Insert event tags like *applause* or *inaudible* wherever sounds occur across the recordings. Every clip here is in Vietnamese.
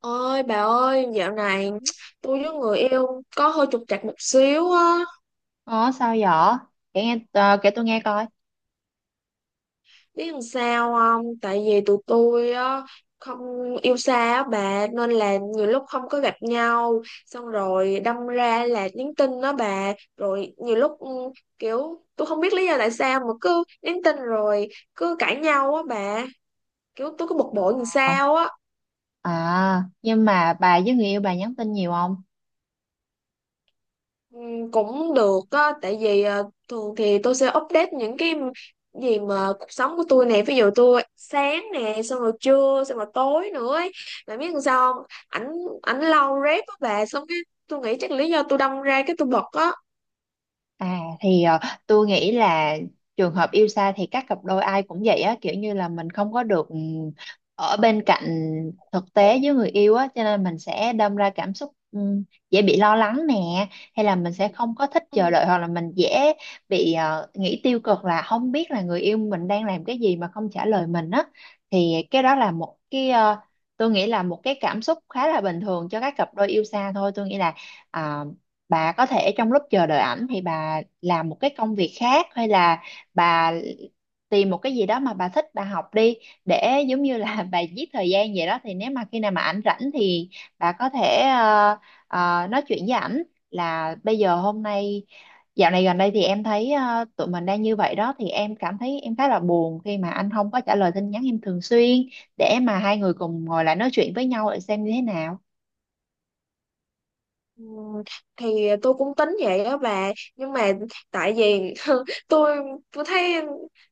Ôi bà ơi, dạo này tôi với người yêu có hơi trục trặc một xíu á, Ồ, sao vậy? Kể nghe kể tôi nghe coi. biết làm sao không? Tại vì tụi tôi á không yêu xa á bà, nên là nhiều lúc không có gặp nhau, xong rồi đâm ra là nhắn tin đó bà, rồi nhiều lúc kiểu tôi không biết lý do tại sao mà cứ nhắn tin rồi cứ cãi nhau á bà, kiểu tôi cứ bực bội làm Ờ. sao á. À, nhưng mà bà với người yêu bà nhắn tin nhiều không? Ừ, cũng được á, tại vì thường thì tôi sẽ update những cái gì mà cuộc sống của tôi nè, ví dụ tôi sáng nè xong rồi trưa xong rồi tối nữa ấy. Mà biết làm sao không, ảnh ảnh lâu rep á bà, xong cái tôi nghĩ chắc lý do tôi đâm ra cái tôi bật á À thì ờ, tôi nghĩ là trường hợp yêu xa thì các cặp đôi ai cũng vậy á, kiểu như là mình không có được ở bên cạnh thực tế với người yêu á, cho nên mình sẽ đâm ra cảm xúc dễ bị lo lắng nè, hay là mình sẽ không có thích chờ ừ. đợi, hoặc là mình dễ bị nghĩ tiêu cực, là không biết là người yêu mình đang làm cái gì mà không trả lời mình á. Thì cái đó là một cái tôi nghĩ là một cái cảm xúc khá là bình thường cho các cặp đôi yêu xa thôi. Tôi nghĩ là à, bà có thể trong lúc chờ đợi ảnh thì bà làm một cái công việc khác, hay là bà tìm một cái gì đó mà bà thích bà học đi, để giống như là *laughs* bà giết thời gian vậy đó. Thì nếu mà khi nào mà ảnh rảnh thì bà có thể ờ, nói chuyện với ảnh là bây giờ hôm nay dạo này gần đây thì em thấy tụi mình đang như vậy đó, thì em cảm thấy em khá là buồn khi mà anh không có trả lời tin nhắn em thường xuyên, để mà hai người cùng ngồi lại nói chuyện với nhau để xem như thế nào. Ừ, thì tôi cũng tính vậy đó bà, nhưng mà tại vì *laughs* tôi tôi thấy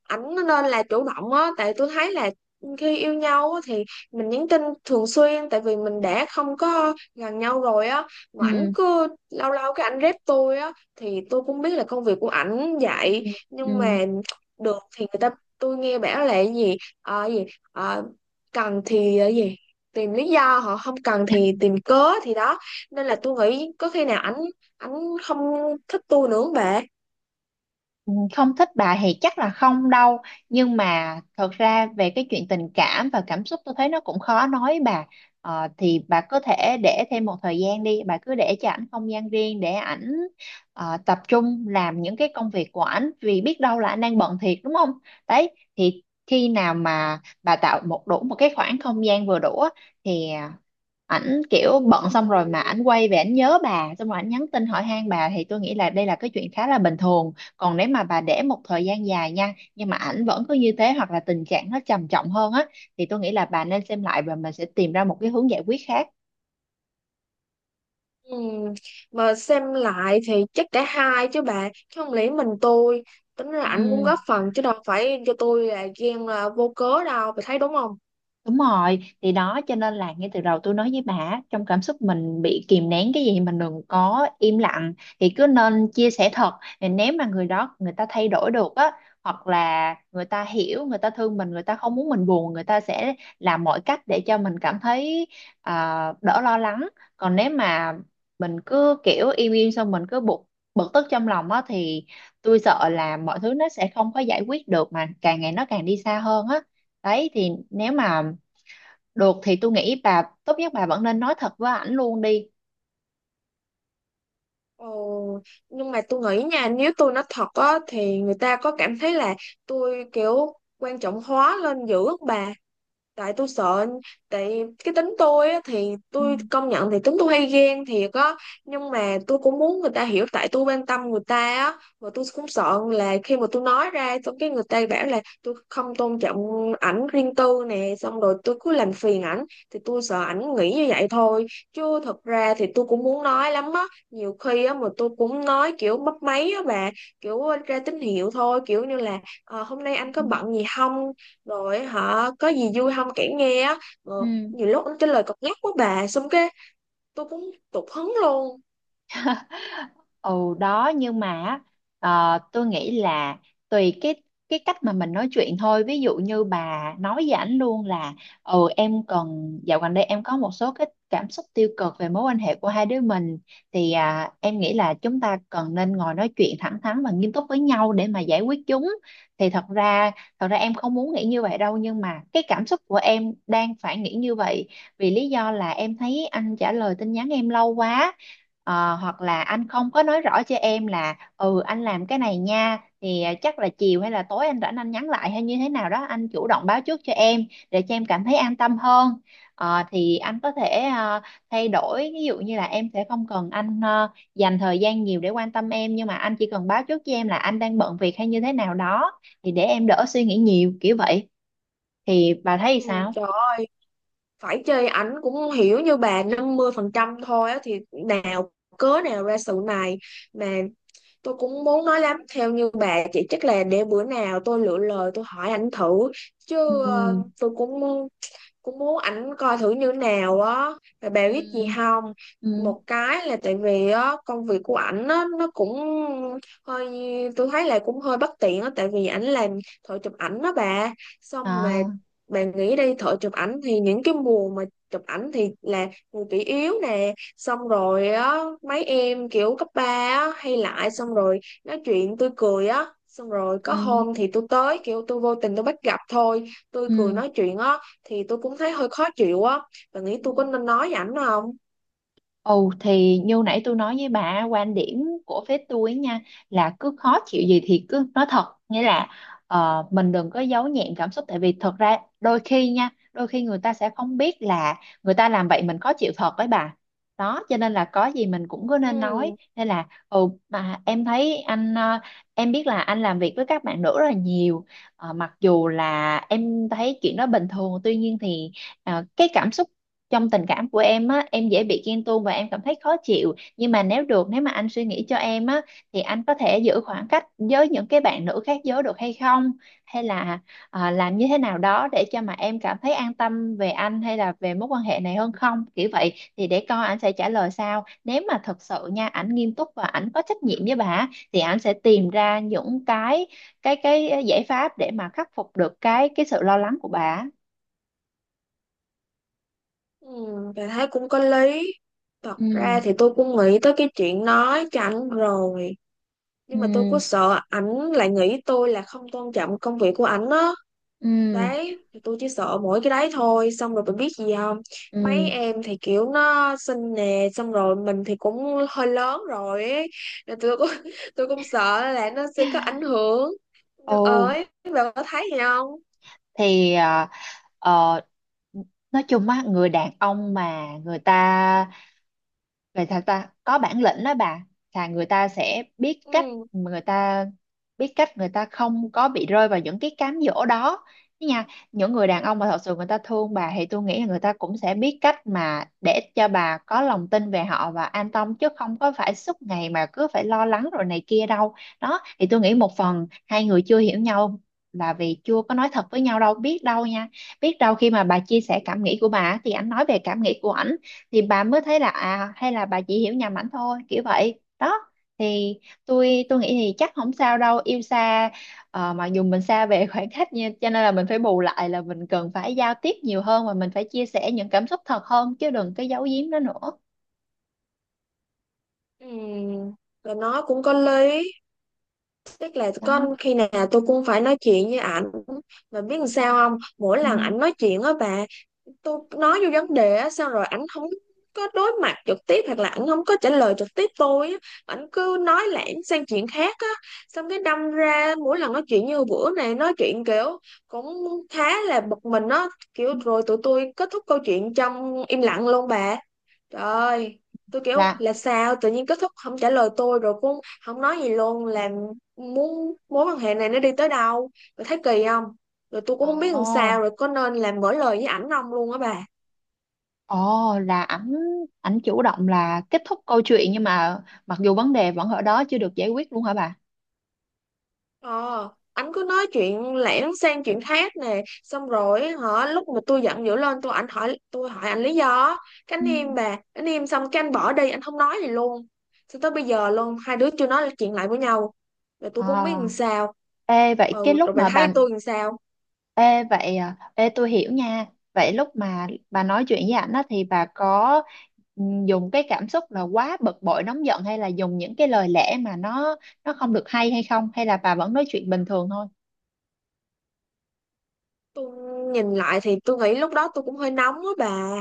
ảnh nên là chủ động á, tại tôi thấy là khi yêu nhau á, thì mình nhắn tin thường xuyên, tại vì mình đã không có gần nhau rồi á, mà ảnh Ừ, cứ lâu lâu cái ảnh rep tôi á, thì tôi cũng biết là công việc của ảnh ừ, vậy. ừ. Nhưng mà được thì người ta, tôi nghe bảo là cái gì ờ, gì Ờ, cần thì ờ, gì tìm lý do, họ không cần thì tìm cớ, thì đó, nên là tôi nghĩ có khi nào ảnh ảnh không thích tôi nữa không bà? Ừ, không thích bà thì chắc là không đâu, nhưng mà thật ra về cái chuyện tình cảm và cảm xúc tôi thấy nó cũng khó nói bà. Ờ, thì bà có thể để thêm một thời gian đi, bà cứ để cho ảnh không gian riêng để ảnh tập trung làm những cái công việc của ảnh, vì biết đâu là anh đang bận thiệt đúng không. Đấy, thì khi nào mà bà tạo một đủ một cái khoảng không gian vừa đủ á, thì à, ảnh kiểu bận xong rồi mà ảnh quay về ảnh nhớ bà xong rồi ảnh nhắn tin hỏi han bà, thì tôi nghĩ là đây là cái chuyện khá là bình thường. Còn nếu mà bà để một thời gian dài nha nhưng mà ảnh vẫn cứ như thế, hoặc là tình trạng nó trầm trọng hơn á, thì tôi nghĩ là bà nên xem lại và mình sẽ tìm ra một cái hướng giải quyết khác. Ừm, mà xem lại thì chắc cả hai chứ bà, chứ không lẽ mình tôi, tính là ảnh cũng góp Ừ. phần chứ đâu phải cho tôi là ghen là vô cớ đâu, bà thấy đúng không? Đúng rồi, thì đó, cho nên là ngay từ đầu tôi nói với bà, trong cảm xúc mình bị kìm nén cái gì mình đừng có im lặng, thì cứ nên chia sẻ thật. Thì nếu mà người đó người ta thay đổi được á, hoặc là người ta hiểu, người ta thương mình, người ta không muốn mình buồn, người ta sẽ làm mọi cách để cho mình cảm thấy à, đỡ lo lắng. Còn nếu mà mình cứ kiểu im im xong mình cứ bực bực tức trong lòng á, thì tôi sợ là mọi thứ nó sẽ không có giải quyết được, mà càng ngày nó càng đi xa hơn á. Đấy, thì nếu mà được thì tôi nghĩ bà tốt nhất bà vẫn nên nói thật với ảnh luôn đi. Ồ, nhưng mà tôi nghĩ nha, nếu tôi nói thật á thì người ta có cảm thấy là tôi kiểu quan trọng hóa lên dữ không bà? Tại tôi sợ, tại cái tính tôi á, thì Ừ. tôi công nhận thì tính tôi hay ghen thiệt á, nhưng mà tôi cũng muốn người ta hiểu tại tôi quan tâm người ta á. Và tôi cũng sợ là khi mà tôi nói ra xong cái người ta bảo là tôi không tôn trọng ảnh, riêng tư nè, xong rồi tôi cứ làm phiền ảnh, thì tôi sợ ảnh nghĩ như vậy thôi, chứ thật ra thì tôi cũng muốn nói lắm á. Nhiều khi á mà tôi cũng nói kiểu bấp máy á bà, kiểu ra tín hiệu thôi, kiểu như là "Ờ, hôm nay anh có bận gì không, rồi hả, có gì vui không kể nghe á. Ờ, Ừ. nhiều lúc anh trả lời cọc nhắc quá bà, xong cái tôi cũng tụt hứng luôn. Ừ đó nhưng mà á, ờ, Tôi nghĩ là tùy cái cách mà mình nói chuyện thôi. Ví dụ như bà nói với ảnh luôn là ừ em cần dạo gần đây em có một số cái cảm xúc tiêu cực về mối quan hệ của hai đứa mình, thì à, em nghĩ là chúng ta cần nên ngồi nói chuyện thẳng thắn và nghiêm túc với nhau để mà giải quyết chúng. Thì thật ra Thật ra em không muốn nghĩ như vậy đâu, nhưng mà cái cảm xúc của em đang phải nghĩ như vậy, vì lý do là em thấy anh trả lời tin nhắn em lâu quá. Ờ, hoặc là anh không có nói rõ cho em là ừ anh làm cái này nha thì à, chắc là chiều hay là tối anh rảnh anh nhắn lại, hay như thế nào đó anh chủ động báo trước cho em, để cho em cảm thấy an tâm hơn. Ờ, thì anh có thể à, thay đổi, ví dụ như là em sẽ không cần anh à, dành thời gian nhiều để quan tâm em, nhưng mà anh chỉ cần báo trước cho em là anh đang bận việc hay như thế nào đó, thì để em đỡ suy nghĩ nhiều kiểu vậy. Thì bà thấy Ừ, sao? trời ơi, phải chơi ảnh cũng hiểu như bà 50% thôi á, thì nào cớ nào ra sự này. Mà tôi cũng muốn nói lắm, theo như bà, chỉ chắc là để bữa nào tôi lựa lời tôi hỏi ảnh thử. Ừ, Chứ tôi cũng cũng muốn ảnh coi thử như nào á, rồi bà biết gì ừ, không, ừ, một cái là tại vì á công việc của ảnh á nó cũng hơi, tôi thấy là cũng hơi bất tiện á, tại vì ảnh làm thợ chụp ảnh đó bà, xong mà à, bà nghĩ đi, thợ chụp ảnh thì những cái mùa mà chụp ảnh thì là người kỷ yếu nè, xong rồi á mấy em kiểu cấp ba á hay lại, xong rồi nói chuyện tôi cười á, xong rồi có ừ, hôm thì tôi tới kiểu tôi vô tình tôi bắt gặp thôi, tôi cười nói chuyện á, thì tôi cũng thấy hơi khó chịu á. Bạn nghĩ ừ. tôi có nên nói với ảnh không? Ồ thì như nãy tôi nói với bà quan điểm của phía tôi ấy nha, là cứ khó chịu gì thì cứ nói thật, nghĩa là mình đừng có giấu nhẹm cảm xúc, tại vì thật ra đôi khi nha, đôi khi người ta sẽ không biết là người ta làm vậy mình khó chịu thật với bà. Đó cho nên là có gì mình cũng cứ nên nói, ừ, nên là ừ mà em thấy anh em biết là anh làm việc với các bạn nữ rất là nhiều. Ờ, mặc dù là em thấy chuyện đó bình thường, tuy nhiên thì cái cảm xúc trong tình cảm của em á, em dễ bị ghen tuông và em cảm thấy khó chịu, nhưng mà nếu được, nếu mà anh suy nghĩ cho em á, thì anh có thể giữ khoảng cách với những cái bạn nữ khác giới được hay không, hay là à, làm như thế nào đó để cho mà em cảm thấy an tâm về anh hay là về mối quan hệ này hơn không, kiểu vậy. Thì để coi anh sẽ trả lời sao, nếu mà thật sự nha ảnh nghiêm túc và ảnh có trách nhiệm với bà á, thì ảnh sẽ tìm ra những cái cái giải pháp để mà khắc phục được cái sự lo lắng của bà á. ừ, Bạn thấy cũng có lý. Thật Ừ, ra thì tôi cũng nghĩ tới cái chuyện nói cho ảnh rồi, nhưng mà tôi cứ ừ, sợ ảnh lại nghĩ tôi là không tôn trọng công việc của ảnh á, ừ. đấy thì tôi chỉ sợ mỗi cái đấy thôi. Xong rồi bạn biết gì không, mấy Ừ. em thì kiểu nó xinh nè, xong rồi mình thì cũng hơi lớn rồi ấy. Nên tôi cũng *laughs* tôi cũng sợ là nó sẽ có ảnh hưởng, nhưng Ồ, ơi, bạn có thấy gì không? thì ờ, nói chung á, người đàn ông mà người ta vậy thật ta có bản lĩnh đó bà, là người ta sẽ biết cách, Ừ. người ta biết cách, người ta không có bị rơi vào những cái cám dỗ đó. Thế nha, những người đàn ông mà thật sự người ta thương bà thì tôi nghĩ là người ta cũng sẽ biết cách mà để cho bà có lòng tin về họ và an tâm, chứ không có phải suốt ngày mà cứ phải lo lắng rồi này kia đâu. Đó, thì tôi nghĩ một phần hai người chưa hiểu nhau là vì chưa có nói thật với nhau đâu. Biết đâu nha, biết đâu khi mà bà chia sẻ cảm nghĩ của bà thì anh nói về cảm nghĩ của ảnh, thì bà mới thấy là à hay là bà chỉ hiểu nhầm ảnh thôi, kiểu vậy đó. Thì tôi nghĩ thì chắc không sao đâu, yêu xa ờ, mặc dù mình xa về *laughs* khoảng cách nha, cho nên là mình phải bù lại là mình cần phải giao tiếp nhiều hơn và mình phải chia sẻ những cảm xúc thật hơn, chứ đừng cái giấu giếm đó nữa. Ừ. Và nó cũng có lý, tức là con Đó. khi nào tôi cũng phải nói chuyện với ảnh. Mà biết làm Ừ. sao không, mỗi Ừ. lần ảnh nói chuyện á bà, tôi nói vô vấn đề á, xong rồi ảnh không có đối mặt trực tiếp, hoặc là ảnh không có trả lời trực tiếp tôi á, ảnh cứ nói lảng sang chuyện khác á, xong cái đâm ra mỗi lần nói chuyện như bữa này nói chuyện kiểu cũng khá là bực mình á, kiểu rồi tụi tôi kết thúc câu chuyện trong im lặng luôn bà. Trời, tôi kiểu là là sao tự nhiên kết thúc không trả lời tôi rồi cũng không nói gì luôn, là muốn mối quan hệ này nó đi tới đâu, rồi thấy kỳ không, rồi tôi cũng không biết làm ồ sao, rồi có nên là mở lời với ảnh không luôn á bà? Ồ, là ảnh, ảnh chủ động là kết thúc câu chuyện nhưng mà mặc dù vấn đề vẫn ở đó chưa được giải quyết luôn hả bà? Ờ, anh cứ nói chuyện lẻn sang chuyện khác nè, xong rồi hả, lúc mà tôi giận dữ lên tôi anh hỏi, tôi hỏi anh lý do á. Cái Ừ. anh im bà, anh im xong cái anh bỏ đi, anh không nói gì luôn, cho tới bây giờ luôn hai đứa chưa nói chuyện lại với nhau, rồi tôi cũng không biết À, làm sao. ê, vậy cái Ừ, lúc rồi bà mà thấy bà tôi làm sao, ê, vậy à, ê, tôi hiểu nha. Vậy lúc mà bà nói chuyện với ảnh á, thì bà có dùng cái cảm xúc là quá bực bội nóng giận, hay là dùng những cái lời lẽ mà nó không được hay hay không, hay là bà vẫn nói chuyện bình thường thôi? tôi nhìn lại thì tôi nghĩ lúc đó tôi cũng hơi nóng á bà,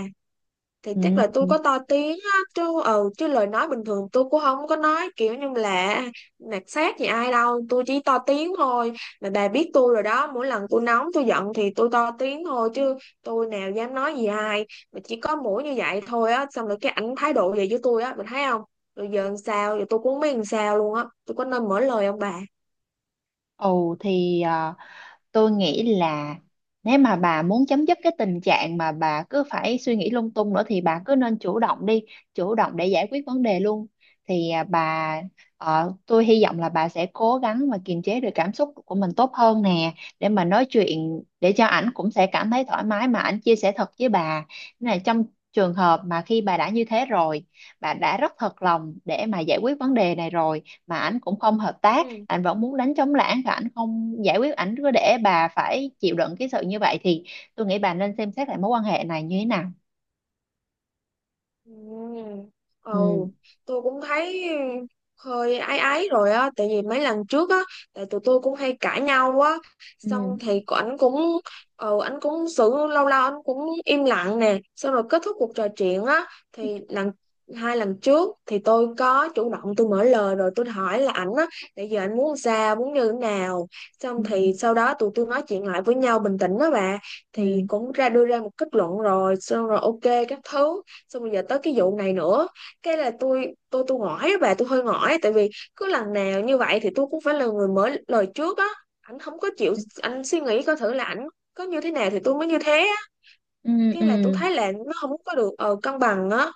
thì chắc Ừ. là tôi có to tiếng á, chứ ừ chứ lời nói bình thường tôi cũng không có nói kiểu như là nạt sát gì ai đâu, tôi chỉ to tiếng thôi. Mà bà biết tôi rồi đó, mỗi lần tôi nóng tôi giận thì tôi to tiếng thôi chứ tôi nào dám nói gì ai. Mà chỉ có mỗi như vậy thôi á, xong rồi cái ảnh thái độ về với tôi á, mình thấy không, rồi giờ làm sao, giờ tôi cũng không biết làm sao luôn á, tôi có nên mở lời không bà? Ồ thì à, tôi nghĩ là nếu mà bà muốn chấm dứt cái tình trạng mà bà cứ phải suy nghĩ lung tung nữa, thì bà cứ nên chủ động đi, chủ động để giải quyết vấn đề luôn. Thì à, bà ờ, tôi hy vọng là bà sẽ cố gắng mà kiềm chế được cảm xúc của mình tốt hơn nè, để mà nói chuyện để cho ảnh cũng sẽ cảm thấy thoải mái mà ảnh chia sẻ thật với bà. Nên là trong trường hợp mà khi bà đã như thế rồi, bà đã rất thật lòng để mà giải quyết vấn đề này rồi, mà ảnh cũng không hợp tác, Ừ. ảnh vẫn muốn đánh trống lảng và ảnh không giải quyết, ảnh cứ để bà phải chịu đựng cái sự như vậy, thì tôi nghĩ bà nên xem xét lại mối quan hệ này như thế nào. Ừ. Ừ, Ừ, tôi cũng thấy hơi áy áy rồi á, tại vì mấy lần trước á, tại tụi tôi cũng hay cãi nhau á, xong ừ, thì ảnh cũng ảnh cũng xử lâu lâu ảnh cũng im lặng nè, xong rồi kết thúc cuộc trò chuyện á, thì hai lần trước thì tôi có chủ động tôi mở lời rồi tôi hỏi là ảnh á, tại giờ ảnh muốn sao, muốn như thế nào. Xong ừ, thì sau đó tụi tôi nói chuyện lại với nhau bình tĩnh đó bà, thì ừ, cũng ra đưa ra một kết luận rồi, xong rồi ok các thứ. Xong rồi giờ tới cái vụ này nữa, cái là tôi ngỏi á bà, tôi hơi ngỏi tại vì cứ lần nào như vậy thì tôi cũng phải là người mở lời trước á, ảnh không có chịu, anh suy nghĩ coi thử là ảnh có như thế nào thì tôi mới như thế á. ừ, Cái là tôi ừ. thấy là nó không có được cân bằng á,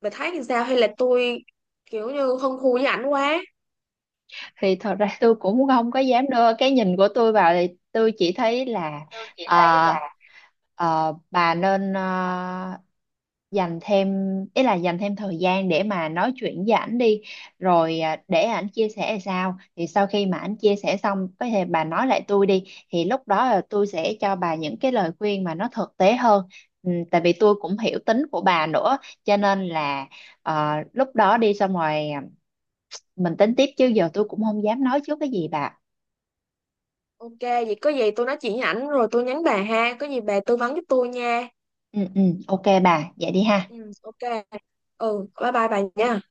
bà thấy thì sao, hay là tôi kiểu như hơn thua với ảnh quá? Thì thật ra tôi cũng không có dám đưa cái nhìn của tôi vào, thì tôi chỉ thấy là ờ, bà nên dành thêm, ý là dành thêm thời gian để mà nói chuyện với ảnh đi, rồi à, để ảnh chia sẻ là sao, thì sau khi mà ảnh chia sẻ xong có thể bà nói lại tôi đi, thì lúc đó là tôi sẽ cho bà những cái lời khuyên mà nó thực tế hơn. Ừ, tại vì tôi cũng hiểu tính của bà nữa, cho nên là lúc đó đi xong rồi à, mình tính tiếp, chứ giờ tôi cũng không dám nói trước cái gì bà. Ok, vậy có gì tôi nói chuyện với ảnh rồi tôi nhắn bà ha, có gì bà tư vấn giúp tôi nha. Ừ, ừ. OK bà, vậy đi ha. Ừ, ok. Ừ, bye bye bà nha.